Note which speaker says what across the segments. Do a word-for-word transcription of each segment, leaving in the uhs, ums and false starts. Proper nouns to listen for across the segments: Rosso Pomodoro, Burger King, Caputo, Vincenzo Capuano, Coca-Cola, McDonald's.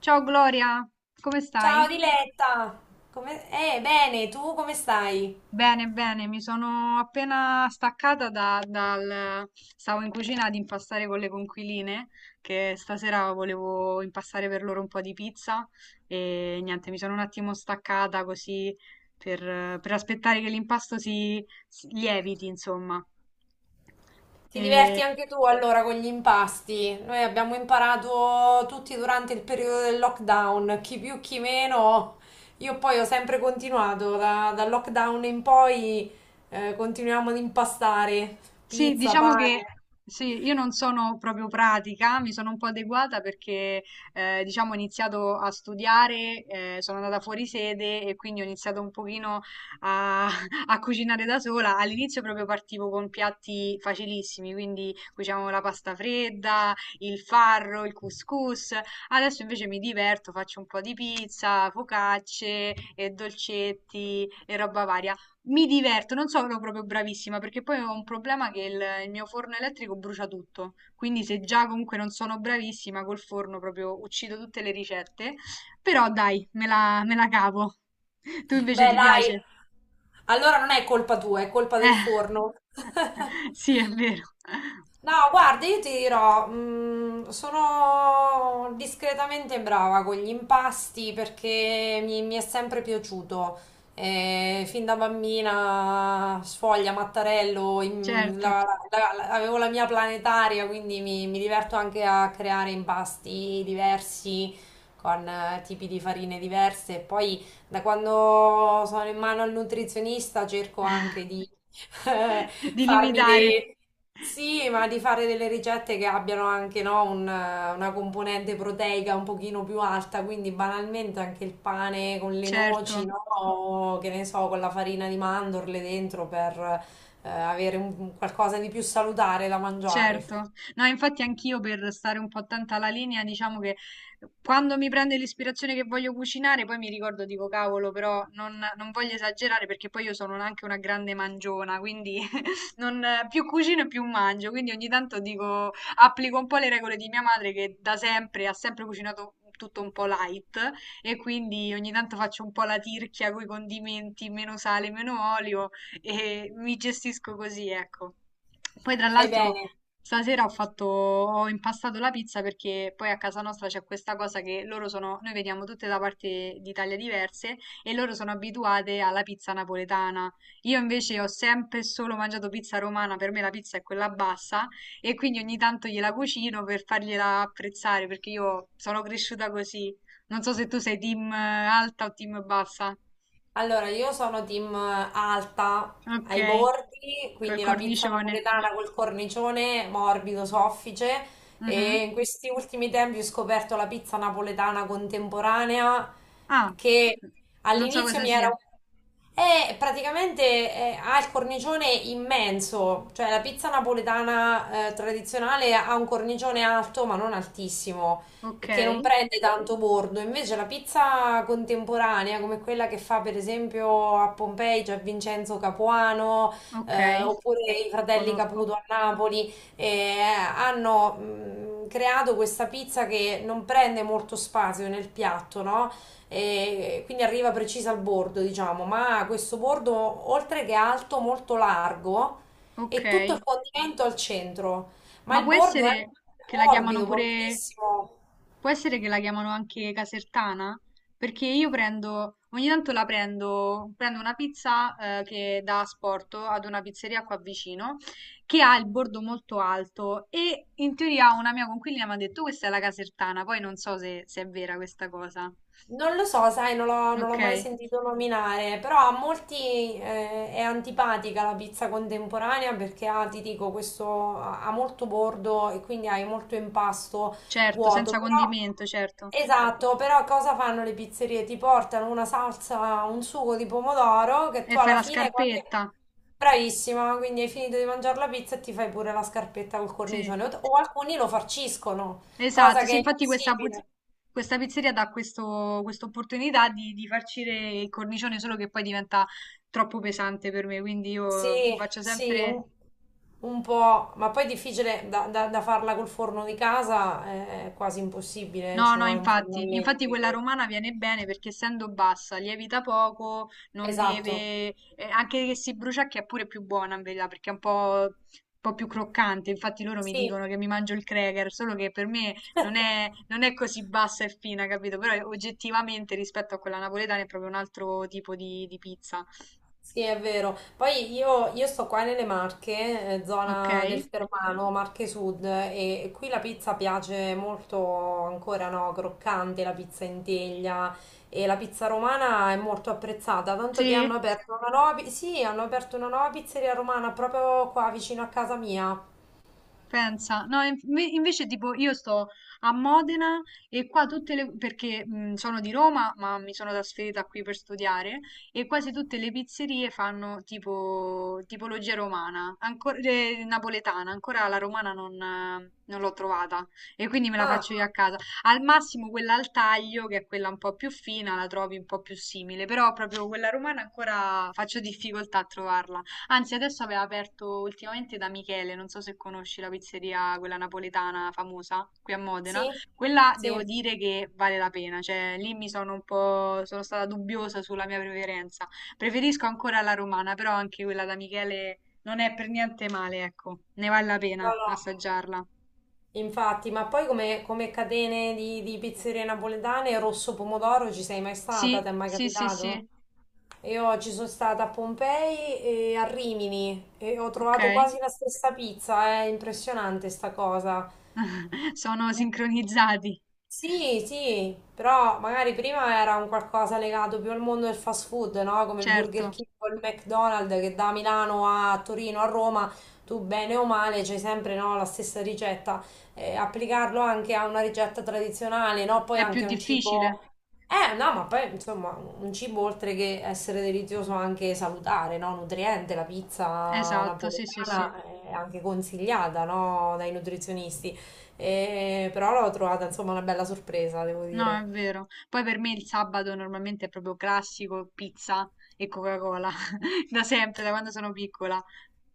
Speaker 1: Ciao Gloria, come
Speaker 2: Ciao
Speaker 1: stai?
Speaker 2: Diletta, come... Eh, bene, tu come stai?
Speaker 1: Bene, bene, mi sono appena staccata da- dal... Stavo in cucina ad impastare con le conquiline, che stasera volevo impastare per loro un po' di pizza e niente, mi sono un attimo staccata così per, per aspettare che l'impasto si, si lieviti, insomma.
Speaker 2: Ti
Speaker 1: E
Speaker 2: diverti anche tu allora con gli impasti? Noi abbiamo imparato tutti durante il periodo del lockdown, chi più chi meno. Io poi ho sempre continuato, da- dal lockdown in poi, eh, continuiamo ad impastare
Speaker 1: Sì,
Speaker 2: pizza,
Speaker 1: diciamo
Speaker 2: pane.
Speaker 1: che sì, io non sono proprio pratica, mi sono un po' adeguata perché eh, diciamo ho iniziato a studiare, eh, sono andata fuori sede e quindi ho iniziato un pochino a, a cucinare da sola. All'inizio proprio partivo con piatti facilissimi, quindi cucinavo la pasta fredda, il farro, il couscous. Adesso invece mi diverto, faccio un po' di pizza, focacce e dolcetti e roba varia. Mi diverto, non sono proprio bravissima perché poi ho un problema che il, il mio forno elettrico brucia tutto, quindi se già comunque non sono bravissima col forno proprio uccido tutte le ricette, però dai, me la, me la cavo. Tu invece
Speaker 2: Beh,
Speaker 1: ti
Speaker 2: dai,
Speaker 1: piace?
Speaker 2: allora non è colpa tua, è colpa del
Speaker 1: Eh,
Speaker 2: forno.
Speaker 1: sì, è vero,
Speaker 2: No, guarda, io ti dirò, mm, sono discretamente brava con gli impasti perché mi, mi è sempre piaciuto. Eh, fin da bambina, sfoglia, mattarello, in-
Speaker 1: certo,
Speaker 2: la- la- la- avevo la mia planetaria, quindi mi, mi diverto anche a creare impasti diversi con eh, tipi di farine diverse. E poi da quando sono in mano al nutrizionista cerco anche di eh,
Speaker 1: di
Speaker 2: farmi
Speaker 1: limitare,
Speaker 2: dei... Sì, ma di fare delle ricette che abbiano anche, no, un, eh, una componente proteica un pochino più alta, quindi banalmente anche il pane con le noci,
Speaker 1: certo.
Speaker 2: no? O, che ne so, con la farina di mandorle dentro per eh, avere un- qualcosa di più salutare da mangiare.
Speaker 1: Certo. No, infatti anch'io per stare un po' attenta alla linea, diciamo che quando mi prende l'ispirazione che voglio cucinare, poi mi ricordo, dico, cavolo, però non, non voglio esagerare perché poi io sono anche una grande mangiona, quindi non, più cucino e più mangio, quindi ogni tanto dico, applico un po' le regole di mia madre che da sempre ha sempre cucinato tutto un po' light e quindi ogni tanto faccio un po' la tirchia con i condimenti, meno sale, meno olio e mi gestisco così, ecco. Poi tra
Speaker 2: Fai
Speaker 1: l'altro
Speaker 2: bene.
Speaker 1: stasera ho fatto, ho impastato la pizza perché poi a casa nostra c'è questa cosa che loro sono, noi veniamo tutte da parti d'Italia diverse e loro sono abituate alla pizza napoletana. Io invece ho sempre e solo mangiato pizza romana, per me la pizza è quella bassa e quindi ogni tanto gliela cucino per fargliela apprezzare perché io sono cresciuta così. Non so se tu sei team eh, alta o team bassa.
Speaker 2: Allora, io sono team alta
Speaker 1: Ok,
Speaker 2: ai bordi,
Speaker 1: col
Speaker 2: quindi la pizza
Speaker 1: cornicione.
Speaker 2: napoletana col cornicione morbido, soffice, e
Speaker 1: Mhm.
Speaker 2: in questi ultimi tempi ho scoperto la pizza napoletana contemporanea
Speaker 1: Ah,
Speaker 2: che
Speaker 1: non so
Speaker 2: all'inizio
Speaker 1: cosa
Speaker 2: mi era...
Speaker 1: sia.
Speaker 2: È praticamente, eh, ha il cornicione immenso, cioè la pizza napoletana, eh, tradizionale, ha un cornicione alto ma non altissimo e che non
Speaker 1: Okay,
Speaker 2: prende tanto bordo. Invece la pizza contemporanea, come quella che fa per esempio a Pompei, c'è Vincenzo Capuano, eh,
Speaker 1: okay,
Speaker 2: oppure i fratelli Caputo
Speaker 1: conosco.
Speaker 2: a Napoli, eh, hanno mh, creato questa pizza che non prende molto spazio nel piatto, no? E quindi arriva precisa al bordo, diciamo, ma questo bordo, oltre che alto, molto largo, e tutto il
Speaker 1: Okay,
Speaker 2: condimento al centro, ma
Speaker 1: ma
Speaker 2: il
Speaker 1: può
Speaker 2: bordo è
Speaker 1: essere che la chiamano
Speaker 2: morbido,
Speaker 1: pure,
Speaker 2: morbidissimo.
Speaker 1: può essere che la chiamano anche casertana? Perché io prendo, ogni tanto la prendo, prendo, una pizza eh, che da asporto ad una pizzeria qua vicino che ha il bordo molto alto e in teoria una mia coinquilina mi ha detto questa è la casertana, poi non so se se è vera questa cosa.
Speaker 2: Non lo so, sai, non l'ho non
Speaker 1: Ok,
Speaker 2: l'ho mai sentito nominare, però a molti eh, è antipatica la pizza contemporanea perché ha, ti dico, questo ha ha molto bordo e quindi hai molto impasto
Speaker 1: certo,
Speaker 2: vuoto.
Speaker 1: senza
Speaker 2: Però,
Speaker 1: condimento, certo.
Speaker 2: esatto, però cosa fanno le pizzerie? Ti portano una salsa, un sugo di pomodoro che
Speaker 1: E
Speaker 2: tu
Speaker 1: fai
Speaker 2: alla
Speaker 1: la
Speaker 2: fine, quando è
Speaker 1: scarpetta.
Speaker 2: bravissima, quindi hai finito di mangiare la pizza e ti fai pure la scarpetta col
Speaker 1: Sì,
Speaker 2: cornicione. O o alcuni lo farciscono, cosa
Speaker 1: esatto. Sì,
Speaker 2: che è
Speaker 1: infatti questa, puz-
Speaker 2: impossibile.
Speaker 1: questa pizzeria dà questo, questa opportunità di, di farcire il cornicione, solo che poi diventa troppo pesante per me, quindi
Speaker 2: Sì,
Speaker 1: io faccio
Speaker 2: sì,
Speaker 1: sempre.
Speaker 2: un, un po', ma poi è difficile da, da- da farla col forno di casa, eh, è quasi impossibile, eh,
Speaker 1: No,
Speaker 2: ci
Speaker 1: no,
Speaker 2: vuole un forno a
Speaker 1: infatti,
Speaker 2: legna,
Speaker 1: infatti quella
Speaker 2: quindi-
Speaker 1: romana viene bene perché essendo bassa, lievita poco, non
Speaker 2: Esatto,
Speaker 1: deve, eh, anche che si brucia che è pure più buona in verità perché è un po', un po' più croccante, infatti loro mi
Speaker 2: sì.
Speaker 1: dicono che mi mangio il cracker, solo che per me non è, non è così bassa e fina, capito? Però eh, oggettivamente rispetto a quella napoletana è proprio un altro tipo di, di pizza,
Speaker 2: Sì, è vero. Poi io, io sto qua nelle Marche, eh,
Speaker 1: ok?
Speaker 2: zona del Fermano, Marche Sud, e qui la pizza piace molto ancora, no? Croccante, la pizza in teglia e la pizza romana è molto apprezzata, tanto che hanno
Speaker 1: Sì?
Speaker 2: aperto una nuova, pi- sì, hanno aperto una nuova pizzeria romana proprio qua vicino a casa mia.
Speaker 1: Pensa, no, inf- me- invece tipo io sto a Modena e qua tutte le, perché mh, sono di Roma, ma mi sono trasferita qui per studiare e quasi tutte le pizzerie fanno tipo tipologia romana, ancora eh, napoletana, ancora la romana non, eh, non l'ho trovata e quindi me la
Speaker 2: Ah,
Speaker 1: faccio io a casa. Al massimo quella al taglio, che è quella un po' più fina, la trovi un po' più simile, però proprio quella romana ancora faccio difficoltà a trovarla. Anzi, adesso aveva aperto ultimamente da Michele, non so se conosci la pizzeria, quella napoletana famosa qui a Modena.
Speaker 2: sì?
Speaker 1: Quella devo
Speaker 2: Sì.
Speaker 1: dire che vale la pena, cioè lì mi sono un po', sono stata dubbiosa sulla mia preferenza. Preferisco ancora la romana, però anche quella da Michele non è per niente male, ecco, ne vale la
Speaker 2: No,
Speaker 1: pena
Speaker 2: no.
Speaker 1: assaggiarla.
Speaker 2: Infatti, ma poi come, come catene di, di pizzerie napoletane, Rosso Pomodoro ci sei mai stata?
Speaker 1: Sì,
Speaker 2: Ti è mai
Speaker 1: sì, sì, sì,
Speaker 2: capitato? Io ci sono stata a Pompei e a Rimini e ho
Speaker 1: ok.
Speaker 2: trovato quasi la stessa pizza, è impressionante sta cosa.
Speaker 1: Sono sincronizzati,
Speaker 2: Sì, sì, però magari prima era un qualcosa legato più al mondo del fast food, no? Come il Burger
Speaker 1: certo,
Speaker 2: King o il McDonald's, che da Milano a Torino a Roma, tu bene o male c'hai sempre, no, la stessa ricetta. Eh, applicarlo anche a una ricetta tradizionale, no? Poi
Speaker 1: è più
Speaker 2: anche a un cibo...
Speaker 1: difficile.
Speaker 2: Eh, no, ma poi insomma, un cibo oltre che essere delizioso anche salutare, no? Nutriente, la pizza
Speaker 1: Esatto, sì, sì, sì.
Speaker 2: napoletana è anche consigliata, no? Dai nutrizionisti. E- però l'ho trovata insomma una bella sorpresa, devo
Speaker 1: No, è
Speaker 2: dire.
Speaker 1: vero. Poi per me il sabato normalmente è proprio classico, pizza e Coca-Cola, da sempre, da quando sono piccola.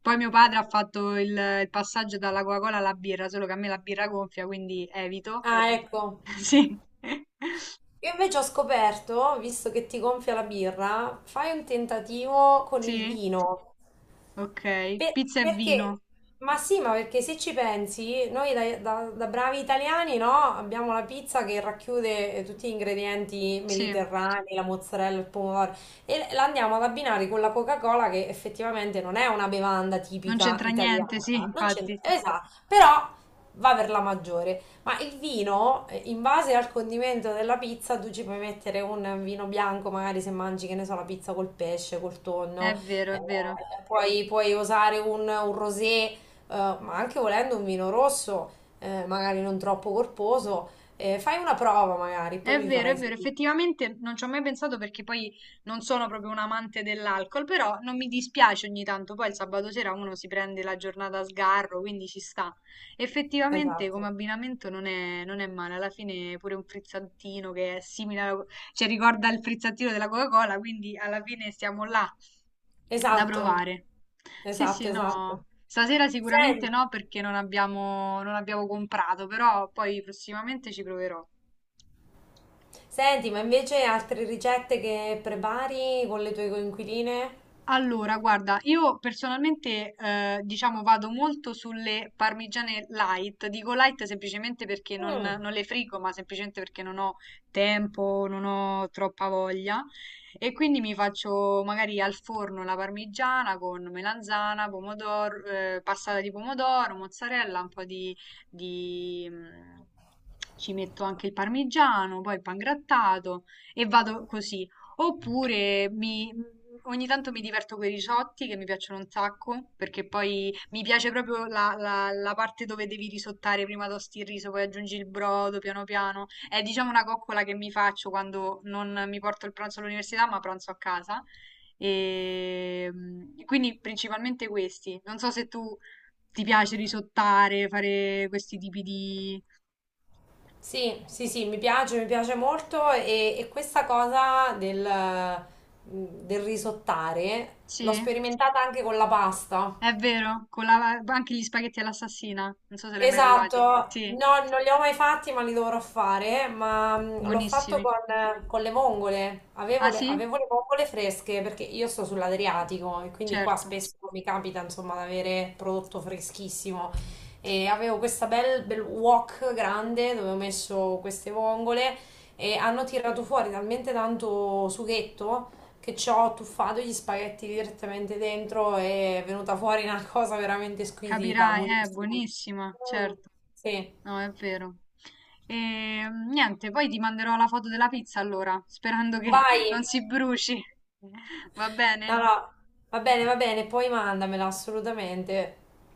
Speaker 1: Poi mio padre ha fatto il, il passaggio dalla Coca-Cola alla birra, solo che a me la birra gonfia, quindi evito.
Speaker 2: Ah, ecco.
Speaker 1: Sì,
Speaker 2: Io invece ho scoperto, visto che ti gonfia la birra, fai un tentativo con il
Speaker 1: sì,
Speaker 2: vino.
Speaker 1: ok.
Speaker 2: Per-
Speaker 1: Pizza e
Speaker 2: perché?
Speaker 1: vino,
Speaker 2: Ma sì, ma perché se ci pensi, noi da, da- da bravi italiani, no? Abbiamo la pizza che racchiude eh, tutti gli ingredienti
Speaker 1: sì.
Speaker 2: mediterranei, la mozzarella, il pomodoro, e la andiamo ad abbinare con la Coca-Cola, che effettivamente non è una bevanda
Speaker 1: Non
Speaker 2: tipica
Speaker 1: c'entra niente, sì,
Speaker 2: italiana. Non c'entra,
Speaker 1: infatti.
Speaker 2: esatto, però va per la maggiore. Ma il vino, eh, in base al condimento della pizza, tu ci puoi mettere un vino bianco, magari se mangi, che ne so, la pizza col pesce, col tonno.
Speaker 1: È vero,
Speaker 2: Eh,
Speaker 1: è vero.
Speaker 2: puoi, puoi usare un, un rosé, eh, ma anche volendo un vino rosso, eh, magari non troppo corposo. Eh, fai una prova magari, poi
Speaker 1: È
Speaker 2: mi
Speaker 1: vero, è
Speaker 2: farai
Speaker 1: vero,
Speaker 2: sapere.
Speaker 1: effettivamente non ci ho mai pensato perché poi non sono proprio un amante dell'alcol, però non mi dispiace ogni tanto, poi il sabato sera uno si prende la giornata a sgarro, quindi ci sta. Effettivamente come
Speaker 2: Esatto,
Speaker 1: abbinamento non è, non è male, alla fine pure un frizzantino che è simile alla, co- cioè ricorda il frizzantino della Coca-Cola, quindi alla fine siamo là da
Speaker 2: esatto,
Speaker 1: provare. Sì,
Speaker 2: esatto,
Speaker 1: sì, no.
Speaker 2: esatto.
Speaker 1: Stasera sicuramente
Speaker 2: Sen-
Speaker 1: no perché non abbiamo, non abbiamo comprato, però poi prossimamente ci proverò.
Speaker 2: Senti, ma invece altre ricette che prepari con le tue coinquiline?
Speaker 1: Allora, guarda, io personalmente, eh, diciamo, vado molto sulle parmigiane light. Dico light semplicemente perché non,
Speaker 2: Mm.
Speaker 1: non le frigo, ma semplicemente perché non ho tempo, non ho troppa voglia. E quindi mi faccio magari al forno la parmigiana con melanzana, pomodoro, eh, passata di pomodoro, mozzarella, un po' di, di, mm, Ci metto anche il parmigiano, poi il pangrattato e vado così. Oppure mi- mhmm, ogni tanto mi diverto con i risotti che mi piacciono un sacco, perché poi mi piace proprio la, la- la parte dove devi risottare, prima tosti il riso, poi aggiungi il brodo piano piano. È diciamo una coccola che mi faccio quando non mi porto il pranzo all'università, ma pranzo a casa. E mm, quindi principalmente questi. Non so se tu ti piace risottare, fare questi tipi di.
Speaker 2: Sì, sì, sì, mi piace, mi piace molto e, e questa cosa del, mm, del risottare l'ho
Speaker 1: Sì?
Speaker 2: sperimentata anche con la pasta.
Speaker 1: È vero, con la anche gli spaghetti all'assassina, non so se li hai mai
Speaker 2: Esatto,
Speaker 1: provati. Sì,
Speaker 2: no, non li ho mai fatti, ma li dovrò fare. Ma mh, l'ho fatto
Speaker 1: buonissimi.
Speaker 2: con, con le vongole. Avevo
Speaker 1: Ah
Speaker 2: le,
Speaker 1: sì?
Speaker 2: avevo le vongole fresche perché io sto sull'Adriatico e quindi qua
Speaker 1: Certo.
Speaker 2: spesso mi capita, insomma, di avere prodotto freschissimo. E avevo questa bel, bel wok grande dove ho messo queste vongole, e hanno tirato fuori talmente tanto sughetto che ci ho tuffato gli spaghetti direttamente dentro e è venuta fuori una cosa veramente squisita,
Speaker 1: Capirai, è
Speaker 2: buonissima.
Speaker 1: buonissima,
Speaker 2: Mm,
Speaker 1: certo.
Speaker 2: sì,
Speaker 1: No, è vero. E mm, niente, poi ti manderò la foto della pizza allora, sperando che
Speaker 2: vai.
Speaker 1: non si bruci. Va
Speaker 2: No,
Speaker 1: bene?
Speaker 2: no, va bene, va bene, poi mandamela assolutamente.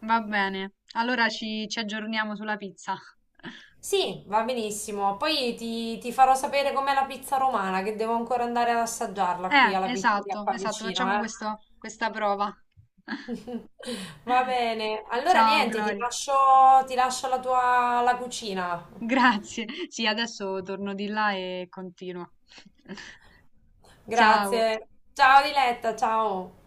Speaker 1: Va bene. Allora ci, ci aggiorniamo sulla pizza.
Speaker 2: Sì, va benissimo. Poi ti, ti farò sapere com'è la pizza romana, che devo ancora andare ad assaggiarla qui
Speaker 1: Eh,
Speaker 2: alla pizzeria
Speaker 1: esatto,
Speaker 2: qua
Speaker 1: esatto,
Speaker 2: vicino,
Speaker 1: facciamo
Speaker 2: eh.
Speaker 1: questo- questa prova.
Speaker 2: Va bene. Allora
Speaker 1: Ciao,
Speaker 2: niente, ti
Speaker 1: Gloria.
Speaker 2: lascio, ti lascio la tua la cucina.
Speaker 1: Grazie. Sì, adesso torno di là e continuo. Ciao.
Speaker 2: Grazie. Ciao Diletta, ciao.